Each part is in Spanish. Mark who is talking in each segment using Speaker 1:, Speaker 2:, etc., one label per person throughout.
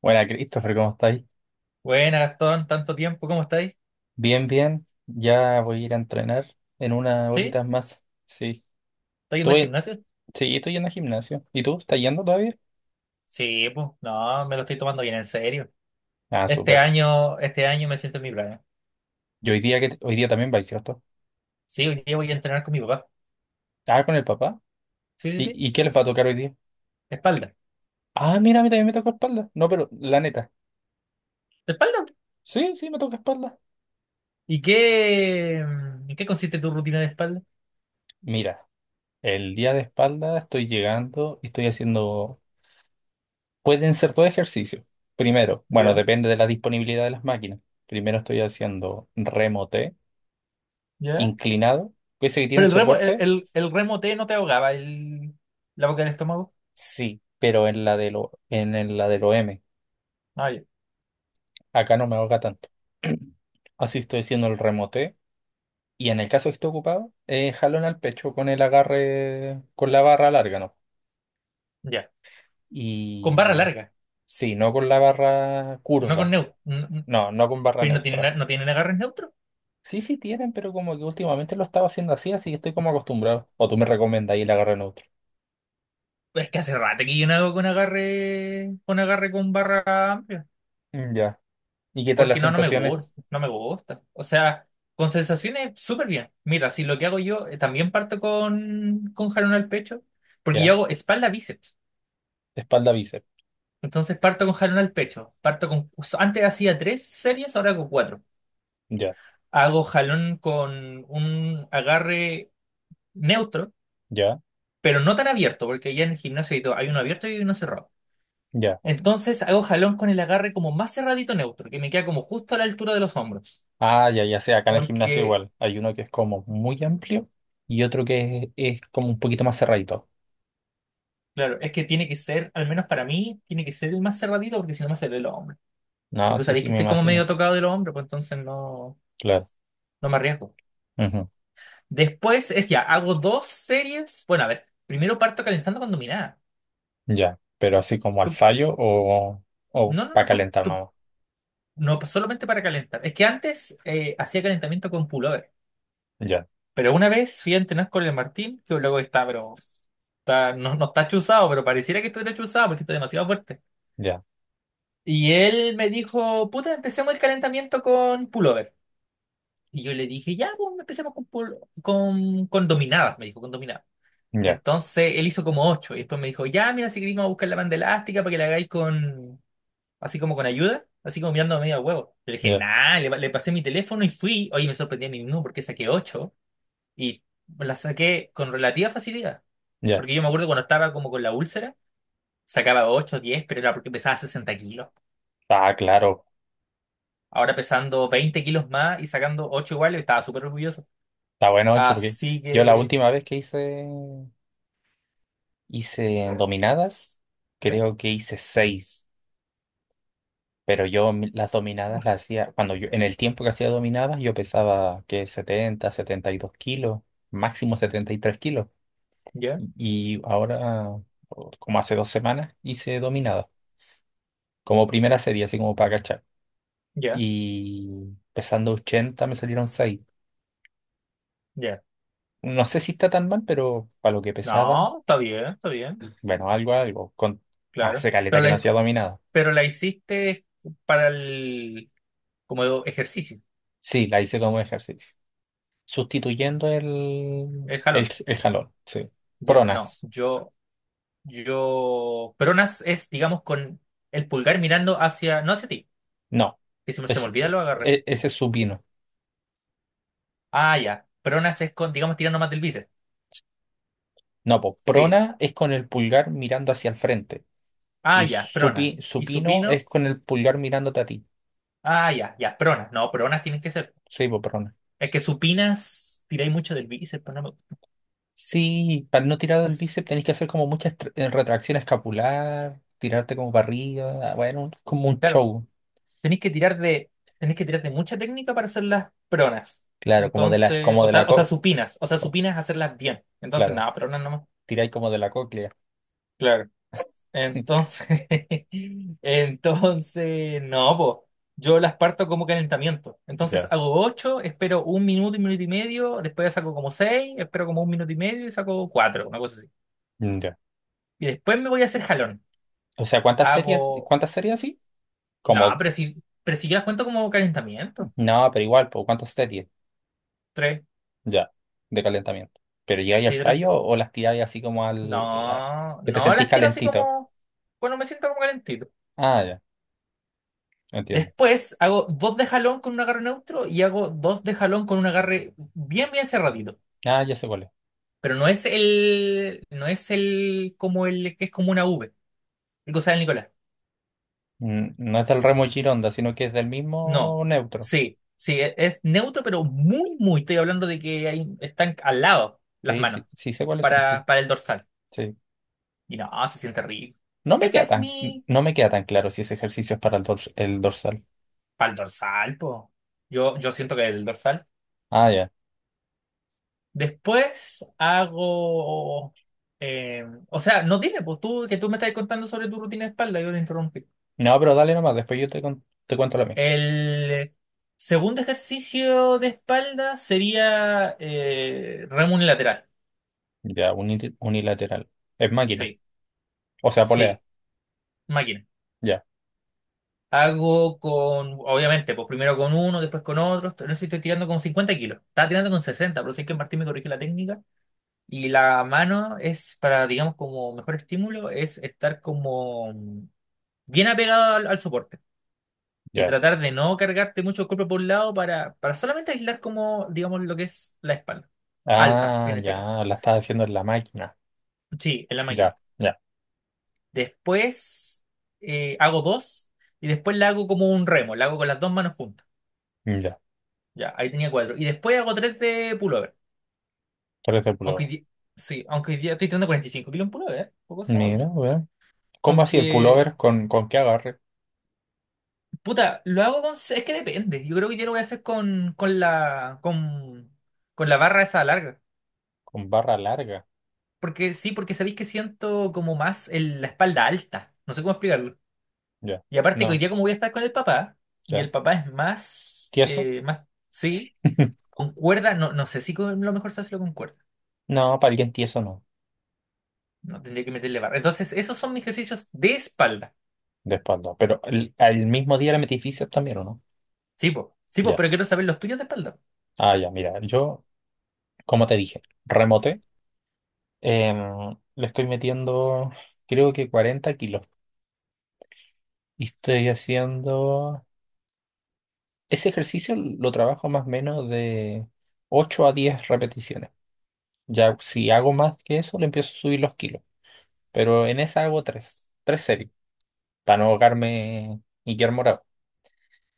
Speaker 1: Buena, Christopher, ¿cómo estáis?
Speaker 2: Buena, Gastón, tanto tiempo, ¿cómo estáis?
Speaker 1: Bien, bien. Ya voy a ir a entrenar en unas
Speaker 2: ¿Sí?
Speaker 1: horitas más. Sí.
Speaker 2: ¿Estás yendo al
Speaker 1: Estoy,
Speaker 2: gimnasio?
Speaker 1: sí, estoy yendo al gimnasio. ¿Y tú? ¿Estás yendo todavía?
Speaker 2: Sí, pues, no, me lo estoy tomando bien en serio.
Speaker 1: Ah,
Speaker 2: Este
Speaker 1: súper.
Speaker 2: año, este año me siento en mi plan.
Speaker 1: Yo hoy día que hoy día también vais, ¿cierto?
Speaker 2: Sí, hoy día voy a entrenar con mi papá.
Speaker 1: Ah, con el papá.
Speaker 2: Sí, sí, sí.
Speaker 1: ¿Y qué les va a tocar hoy día?
Speaker 2: Espalda.
Speaker 1: Ah, mira, a mí también me toca espalda. No, pero la neta.
Speaker 2: ¿Espalda?
Speaker 1: Sí, sí, me toca espalda.
Speaker 2: ¿Y en qué consiste tu rutina de espalda?
Speaker 1: Mira, el día de espalda estoy llegando y estoy haciendo. Pueden ser dos ejercicios. Primero, bueno,
Speaker 2: Ya,
Speaker 1: depende de la disponibilidad de las máquinas. Primero estoy haciendo remote
Speaker 2: ya.
Speaker 1: inclinado, pese que tiene
Speaker 2: Pero
Speaker 1: el
Speaker 2: el remo, el,
Speaker 1: soporte.
Speaker 2: el, el remo T no te ahogaba la boca del estómago.
Speaker 1: Sí, pero en la de lo M.
Speaker 2: Ah, ya.
Speaker 1: Acá no me ahoga tanto. Así estoy haciendo el remote. Y en el caso que esté ocupado, jalón al pecho con el agarre, con la barra larga, ¿no?
Speaker 2: Ya. Con barra
Speaker 1: Y
Speaker 2: larga,
Speaker 1: sí, no con la barra
Speaker 2: no con
Speaker 1: curva.
Speaker 2: neutro.
Speaker 1: No, no con barra
Speaker 2: Pero
Speaker 1: neutra.
Speaker 2: no tienen agarres neutros.
Speaker 1: Sí, sí tienen, pero como que últimamente lo estaba haciendo así, así que estoy como acostumbrado. O tú me recomiendas ahí el agarre neutro.
Speaker 2: Es que hace rato que yo no hago con agarre, con barra amplia,
Speaker 1: Mm, ya. ¿Y qué tal las
Speaker 2: porque no, no me
Speaker 1: sensaciones?
Speaker 2: gusta, no me gusta. O sea, con sensaciones súper bien. Mira, si lo que hago yo, también parto con jalón al pecho, porque yo
Speaker 1: Ya.
Speaker 2: hago espalda bíceps.
Speaker 1: Espalda bíceps.
Speaker 2: Entonces parto con jalón al pecho, antes hacía tres series, ahora hago cuatro.
Speaker 1: Ya.
Speaker 2: Hago jalón con un agarre neutro,
Speaker 1: Ya.
Speaker 2: pero no tan abierto, porque ya en el gimnasio hay uno abierto y uno cerrado.
Speaker 1: Ya.
Speaker 2: Entonces hago jalón con el agarre como más cerradito neutro, que me queda como justo a la altura de los hombros.
Speaker 1: Ah, ya, ya sé, acá en el gimnasio
Speaker 2: Porque,
Speaker 1: igual. Hay uno que es como muy amplio y otro que es como un poquito más cerradito.
Speaker 2: claro, es que tiene que ser, al menos para mí, tiene que ser el más cerradito porque si no me sale el hombro. Y
Speaker 1: No,
Speaker 2: tú
Speaker 1: sí,
Speaker 2: sabéis
Speaker 1: sí,
Speaker 2: que
Speaker 1: me
Speaker 2: estoy como medio
Speaker 1: imagino.
Speaker 2: tocado de los hombros, pues entonces no,
Speaker 1: Claro.
Speaker 2: no me arriesgo.
Speaker 1: Ujú,
Speaker 2: Después es ya, hago dos series. Bueno, a ver, primero parto calentando con dominada.
Speaker 1: ya. Pero así como al
Speaker 2: Tú-
Speaker 1: fallo o
Speaker 2: no, no,
Speaker 1: para
Speaker 2: no,
Speaker 1: calentar, no.
Speaker 2: no, pues solamente para calentar. Es que antes hacía calentamiento con pullover.
Speaker 1: Ya,
Speaker 2: Pero una vez fui a entrenar con el Martín, que luego está, pero no, no está chuzado, pero pareciera que estuviera chuzado porque está demasiado fuerte.
Speaker 1: ya,
Speaker 2: Y él me dijo, puta, empecemos el calentamiento con pullover. Y yo le dije, ya, pues empecemos con dominadas, me dijo, con dominadas.
Speaker 1: ya,
Speaker 2: Entonces él hizo como ocho y después me dijo, ya, mira, si queréis vamos a buscar la banda elástica para que la hagáis así como con ayuda, así como mirando a medio huevo. Le dije,
Speaker 1: ya,
Speaker 2: nah, le pasé mi teléfono y fui. Oye, me sorprendí a mí mismo porque saqué ocho y la saqué con relativa facilidad.
Speaker 1: ya.
Speaker 2: Porque yo me acuerdo cuando estaba como con la úlcera. Sacaba 8 10 pero era porque pesaba 60 kilos.
Speaker 1: Ah, claro.
Speaker 2: Ahora pesando 20 kilos más y sacando 8 iguales, estaba súper orgulloso.
Speaker 1: Está bueno, hecho, porque
Speaker 2: Así
Speaker 1: yo la
Speaker 2: que,
Speaker 1: última vez que hice, hice dominadas,
Speaker 2: ya,
Speaker 1: creo que hice seis. Pero yo las dominadas las hacía, cuando yo, en el tiempo que hacía dominadas, yo pesaba que 70, 72 kilos, máximo 73 kilos.
Speaker 2: ya,
Speaker 1: Y ahora, como hace 2 semanas, hice dominadas, como primera serie, así como para cachar.
Speaker 2: ya,
Speaker 1: Y pesando 80 me salieron seis.
Speaker 2: ya.
Speaker 1: No sé si está tan mal, pero para lo que pesaba,
Speaker 2: No, está bien,
Speaker 1: bueno, algo, algo. Con,
Speaker 2: claro.
Speaker 1: hace caleta
Speaker 2: Pero
Speaker 1: que no
Speaker 2: la,
Speaker 1: hacía dominada.
Speaker 2: pero la hiciste para el, como ejercicio,
Speaker 1: Sí, la hice como ejercicio. Sustituyendo el,
Speaker 2: el
Speaker 1: el,
Speaker 2: jalón.
Speaker 1: el jalón, sí.
Speaker 2: Ya, no,
Speaker 1: Pronas.
Speaker 2: yo, peronas es, digamos, con el pulgar mirando hacia, no hacia ti,
Speaker 1: No,
Speaker 2: que se me
Speaker 1: es-
Speaker 2: olvida
Speaker 1: e-
Speaker 2: lo agarré.
Speaker 1: e, ese es supino.
Speaker 2: Ah, ya, peronas es con, digamos, tirando más del bíceps.
Speaker 1: No, pues
Speaker 2: Sí,
Speaker 1: prona es con el pulgar mirando hacia el frente
Speaker 2: ah,
Speaker 1: y
Speaker 2: ya, pronas. ¿Y
Speaker 1: supino es
Speaker 2: supino?
Speaker 1: con el pulgar mirándote a ti.
Speaker 2: Ah, ya, ya, pronas. No, pronas tienen que ser.
Speaker 1: Sí, pues prona.
Speaker 2: Es que supinas tiráis mucho del bíceps, pero no me.
Speaker 1: Sí, para no tirar
Speaker 2: O
Speaker 1: del
Speaker 2: sea,
Speaker 1: bíceps tenés que hacer como muchas retracción escapular, tirarte como para arriba, ah, bueno, como un
Speaker 2: claro,
Speaker 1: show.
Speaker 2: tenéis que tirar de, tenéis que tirar de mucha técnica para hacer las pronas.
Speaker 1: Claro,
Speaker 2: Entonces,
Speaker 1: como
Speaker 2: o
Speaker 1: de la
Speaker 2: sea, o sea, supinas. O sea,
Speaker 1: co-
Speaker 2: supinas hacerlas bien. Entonces,
Speaker 1: claro,
Speaker 2: nada, pronas nomás.
Speaker 1: tiráis como de la cóclea.
Speaker 2: Claro. Entonces, entonces, no, po. Yo las parto como calentamiento. Entonces
Speaker 1: Ya,
Speaker 2: hago ocho, espero un minuto y medio, después saco como seis, espero como un minuto y medio y saco cuatro, una cosa así.
Speaker 1: mm, ya.
Speaker 2: Y después me voy a hacer jalón.
Speaker 1: O sea,
Speaker 2: Hago.
Speaker 1: cuántas series así?
Speaker 2: No,
Speaker 1: Como,
Speaker 2: pero si yo las cuento como calentamiento.
Speaker 1: no, pero igual, pues, ¿cuántas series?
Speaker 2: Tres.
Speaker 1: Ya, de calentamiento. ¿Pero llegáis al
Speaker 2: Sí, tres.
Speaker 1: fallo o las tiráis así como al... a-
Speaker 2: No,
Speaker 1: que te
Speaker 2: no
Speaker 1: sentís
Speaker 2: las tiro así
Speaker 1: calentito?
Speaker 2: como. Bueno, me siento como calentito.
Speaker 1: Ah, ya, entiendo.
Speaker 2: Después hago dos de jalón con un agarre neutro y hago dos de jalón con un agarre bien, bien cerradito.
Speaker 1: Ah, ya sé cuál es.
Speaker 2: Pero no es el. No es el. Como el que es como una V. El que usaba el Nicolás.
Speaker 1: No es del remo Gironda, sino que es del mismo
Speaker 2: No.
Speaker 1: neutro.
Speaker 2: Sí. Sí, es neutro, pero muy, muy. Estoy hablando de que ahí están al lado las
Speaker 1: Sí,
Speaker 2: manos
Speaker 1: sí, sí sé cuáles son, sí.
Speaker 2: para el dorsal.
Speaker 1: Sí.
Speaker 2: Y no, se siente rico.
Speaker 1: No me
Speaker 2: Ese
Speaker 1: queda
Speaker 2: es
Speaker 1: tan,
Speaker 2: mi...
Speaker 1: no me queda tan claro si ese ejercicio es para el, el dorsal.
Speaker 2: Para el dorsal, po. Yo siento que el dorsal.
Speaker 1: Ah, ya.
Speaker 2: Después hago... O sea, no, dime, pues tú que tú me estás contando sobre tu rutina de espalda, yo te interrumpí.
Speaker 1: No, pero dale nomás, después yo te, te cuento la mía.
Speaker 2: El segundo ejercicio de espalda sería remo unilateral.
Speaker 1: Ya, unilateral. Es máquina.
Speaker 2: Sí,
Speaker 1: O sea, polea.
Speaker 2: sí, máquina.
Speaker 1: Ya,
Speaker 2: Hago con, obviamente, pues primero con uno, después con otro. No sé si estoy tirando con 50 kilos. Estaba tirando con 60 pero sé que Martín me corrige la técnica. Y la mano es para, digamos, como mejor estímulo, es estar como bien apegado al soporte y
Speaker 1: ya.
Speaker 2: tratar de no cargarte mucho el cuerpo por un lado para solamente aislar como, digamos, lo que es la espalda. Alta,
Speaker 1: Ah,
Speaker 2: en este caso.
Speaker 1: ya, la estás haciendo en la máquina.
Speaker 2: Sí, en la máquina.
Speaker 1: Ya, ya,
Speaker 2: Después hago dos y después la hago como un remo, la hago con las dos manos juntas.
Speaker 1: ya.
Speaker 2: Ya, ahí tenía cuatro. Y después hago tres de pullover.
Speaker 1: Parece
Speaker 2: Aunque
Speaker 1: pullover.
Speaker 2: hoy día estoy tirando 45 kilos en pullover, ¿eh? Poco se habla.
Speaker 1: Mira, vea. ¿Cómo así el
Speaker 2: Aunque
Speaker 1: pullover? Con qué agarre?
Speaker 2: puta, lo hago con... Es que depende. Yo creo que yo lo voy a hacer con la... Con la barra esa larga.
Speaker 1: Con barra larga.
Speaker 2: Porque sí, porque sabéis que siento como más la espalda alta. No sé cómo explicarlo.
Speaker 1: Ya.
Speaker 2: Y aparte que hoy
Speaker 1: No,
Speaker 2: día como voy a estar con el papá, y el
Speaker 1: ya.
Speaker 2: papá es más...
Speaker 1: ¿Tieso?
Speaker 2: más... Sí, con cuerda. No, no sé si lo mejor se hace con cuerda.
Speaker 1: No, para alguien tieso no.
Speaker 2: No tendría que meterle barra. Entonces, esos son mis ejercicios de espalda.
Speaker 1: De espalda. Pero el, al mismo día le metí bíceps también, ¿o no?
Speaker 2: Sí, po. Sí, po,
Speaker 1: Ya.
Speaker 2: pero quiero saber los tuyos de espalda.
Speaker 1: Ah, ya, mira. Yo, como te dije, remote. Le estoy metiendo, creo que 40 kilos. Y estoy haciendo... Ese ejercicio lo trabajo más o menos de 8 a 10 repeticiones. Ya si hago más que eso, le empiezo a subir los kilos. Pero en esa hago tres series, para no ahogarme y quedar morado.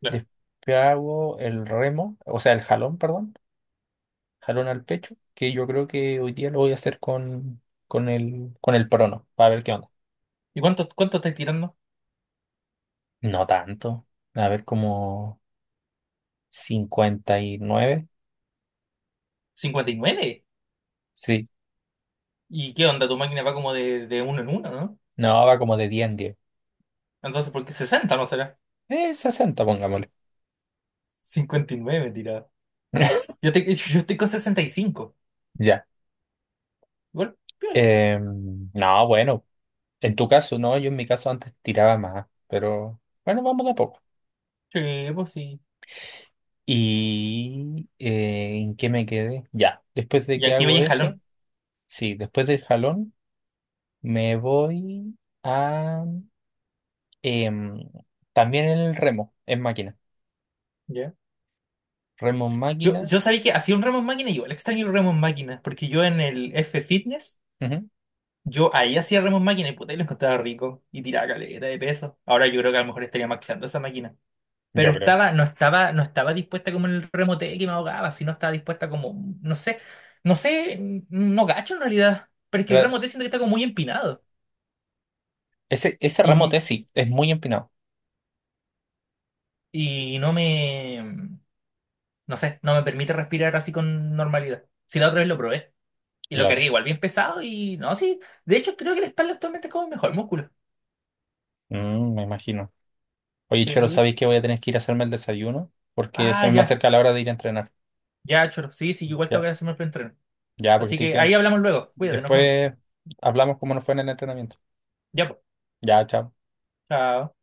Speaker 2: Claro.
Speaker 1: Después hago el remo, o sea, el jalón, perdón, jalón al pecho, que yo creo que hoy día lo voy a hacer con, con el prono, para ver qué onda.
Speaker 2: ¿Y cuánto estás tirando?
Speaker 1: No tanto, a ver como 59.
Speaker 2: 59.
Speaker 1: Sí,
Speaker 2: ¿Y qué onda? Tu máquina va como de uno en uno.
Speaker 1: no, va como de 10 en 10.
Speaker 2: Entonces, ¿por qué 60 no será?
Speaker 1: 60, pongámosle.
Speaker 2: 59 tirado. Yo estoy con 65.
Speaker 1: Ya.
Speaker 2: Igual, piola.
Speaker 1: No, bueno, en tu caso, no, yo en mi caso antes tiraba más, pero bueno, vamos de a poco.
Speaker 2: Sí, pues sí.
Speaker 1: ¿Y en qué me quedé? Ya, después de
Speaker 2: Y
Speaker 1: que
Speaker 2: aquí
Speaker 1: hago
Speaker 2: vaya en
Speaker 1: eso,
Speaker 2: jalón.
Speaker 1: sí, después del jalón me voy a... em, también el remo, en máquina.
Speaker 2: ¿Ya?
Speaker 1: Remo en
Speaker 2: Yo,
Speaker 1: máquina,
Speaker 2: yo sabía que hacía un remo en máquina y igual extraño el remo en máquina. Porque yo en el F Fitness,
Speaker 1: ujú,
Speaker 2: yo ahí hacía remo en máquina y puta, y lo encontraba rico. Y tiraba caleta de peso. Ahora yo creo que a lo mejor estaría maxeando esa máquina. Pero
Speaker 1: yo creo.
Speaker 2: estaba, no estaba dispuesta como en el remo T que me ahogaba, sino estaba dispuesta como, no sé, no sé, no gacho en realidad. Pero es que el
Speaker 1: Pero
Speaker 2: remo T siento que está como muy empinado.
Speaker 1: ese remo
Speaker 2: Y,
Speaker 1: tesis es muy empinado.
Speaker 2: y no me, no sé, no me permite respirar así con normalidad. Si la otra vez lo probé y lo cargué
Speaker 1: Claro,
Speaker 2: igual bien pesado y no, sí, de hecho creo que la espalda actualmente es como mejor músculo.
Speaker 1: Me imagino. Oye, Cholo,
Speaker 2: Sí.
Speaker 1: ¿sabéis que voy a tener que ir a hacerme el desayuno? Porque
Speaker 2: Ah,
Speaker 1: se me
Speaker 2: ya,
Speaker 1: acerca la hora de ir a entrenar.
Speaker 2: ya, choro. Sí, sí, igual tengo
Speaker 1: Ya,
Speaker 2: que hacerme el preentreno.
Speaker 1: ya, porque
Speaker 2: Así
Speaker 1: estoy
Speaker 2: que
Speaker 1: bien.
Speaker 2: ahí hablamos luego. Cuídate, nos vemos.
Speaker 1: Después hablamos cómo nos fue en el entrenamiento.
Speaker 2: Ya, pues.
Speaker 1: Ya, chao.
Speaker 2: Chao.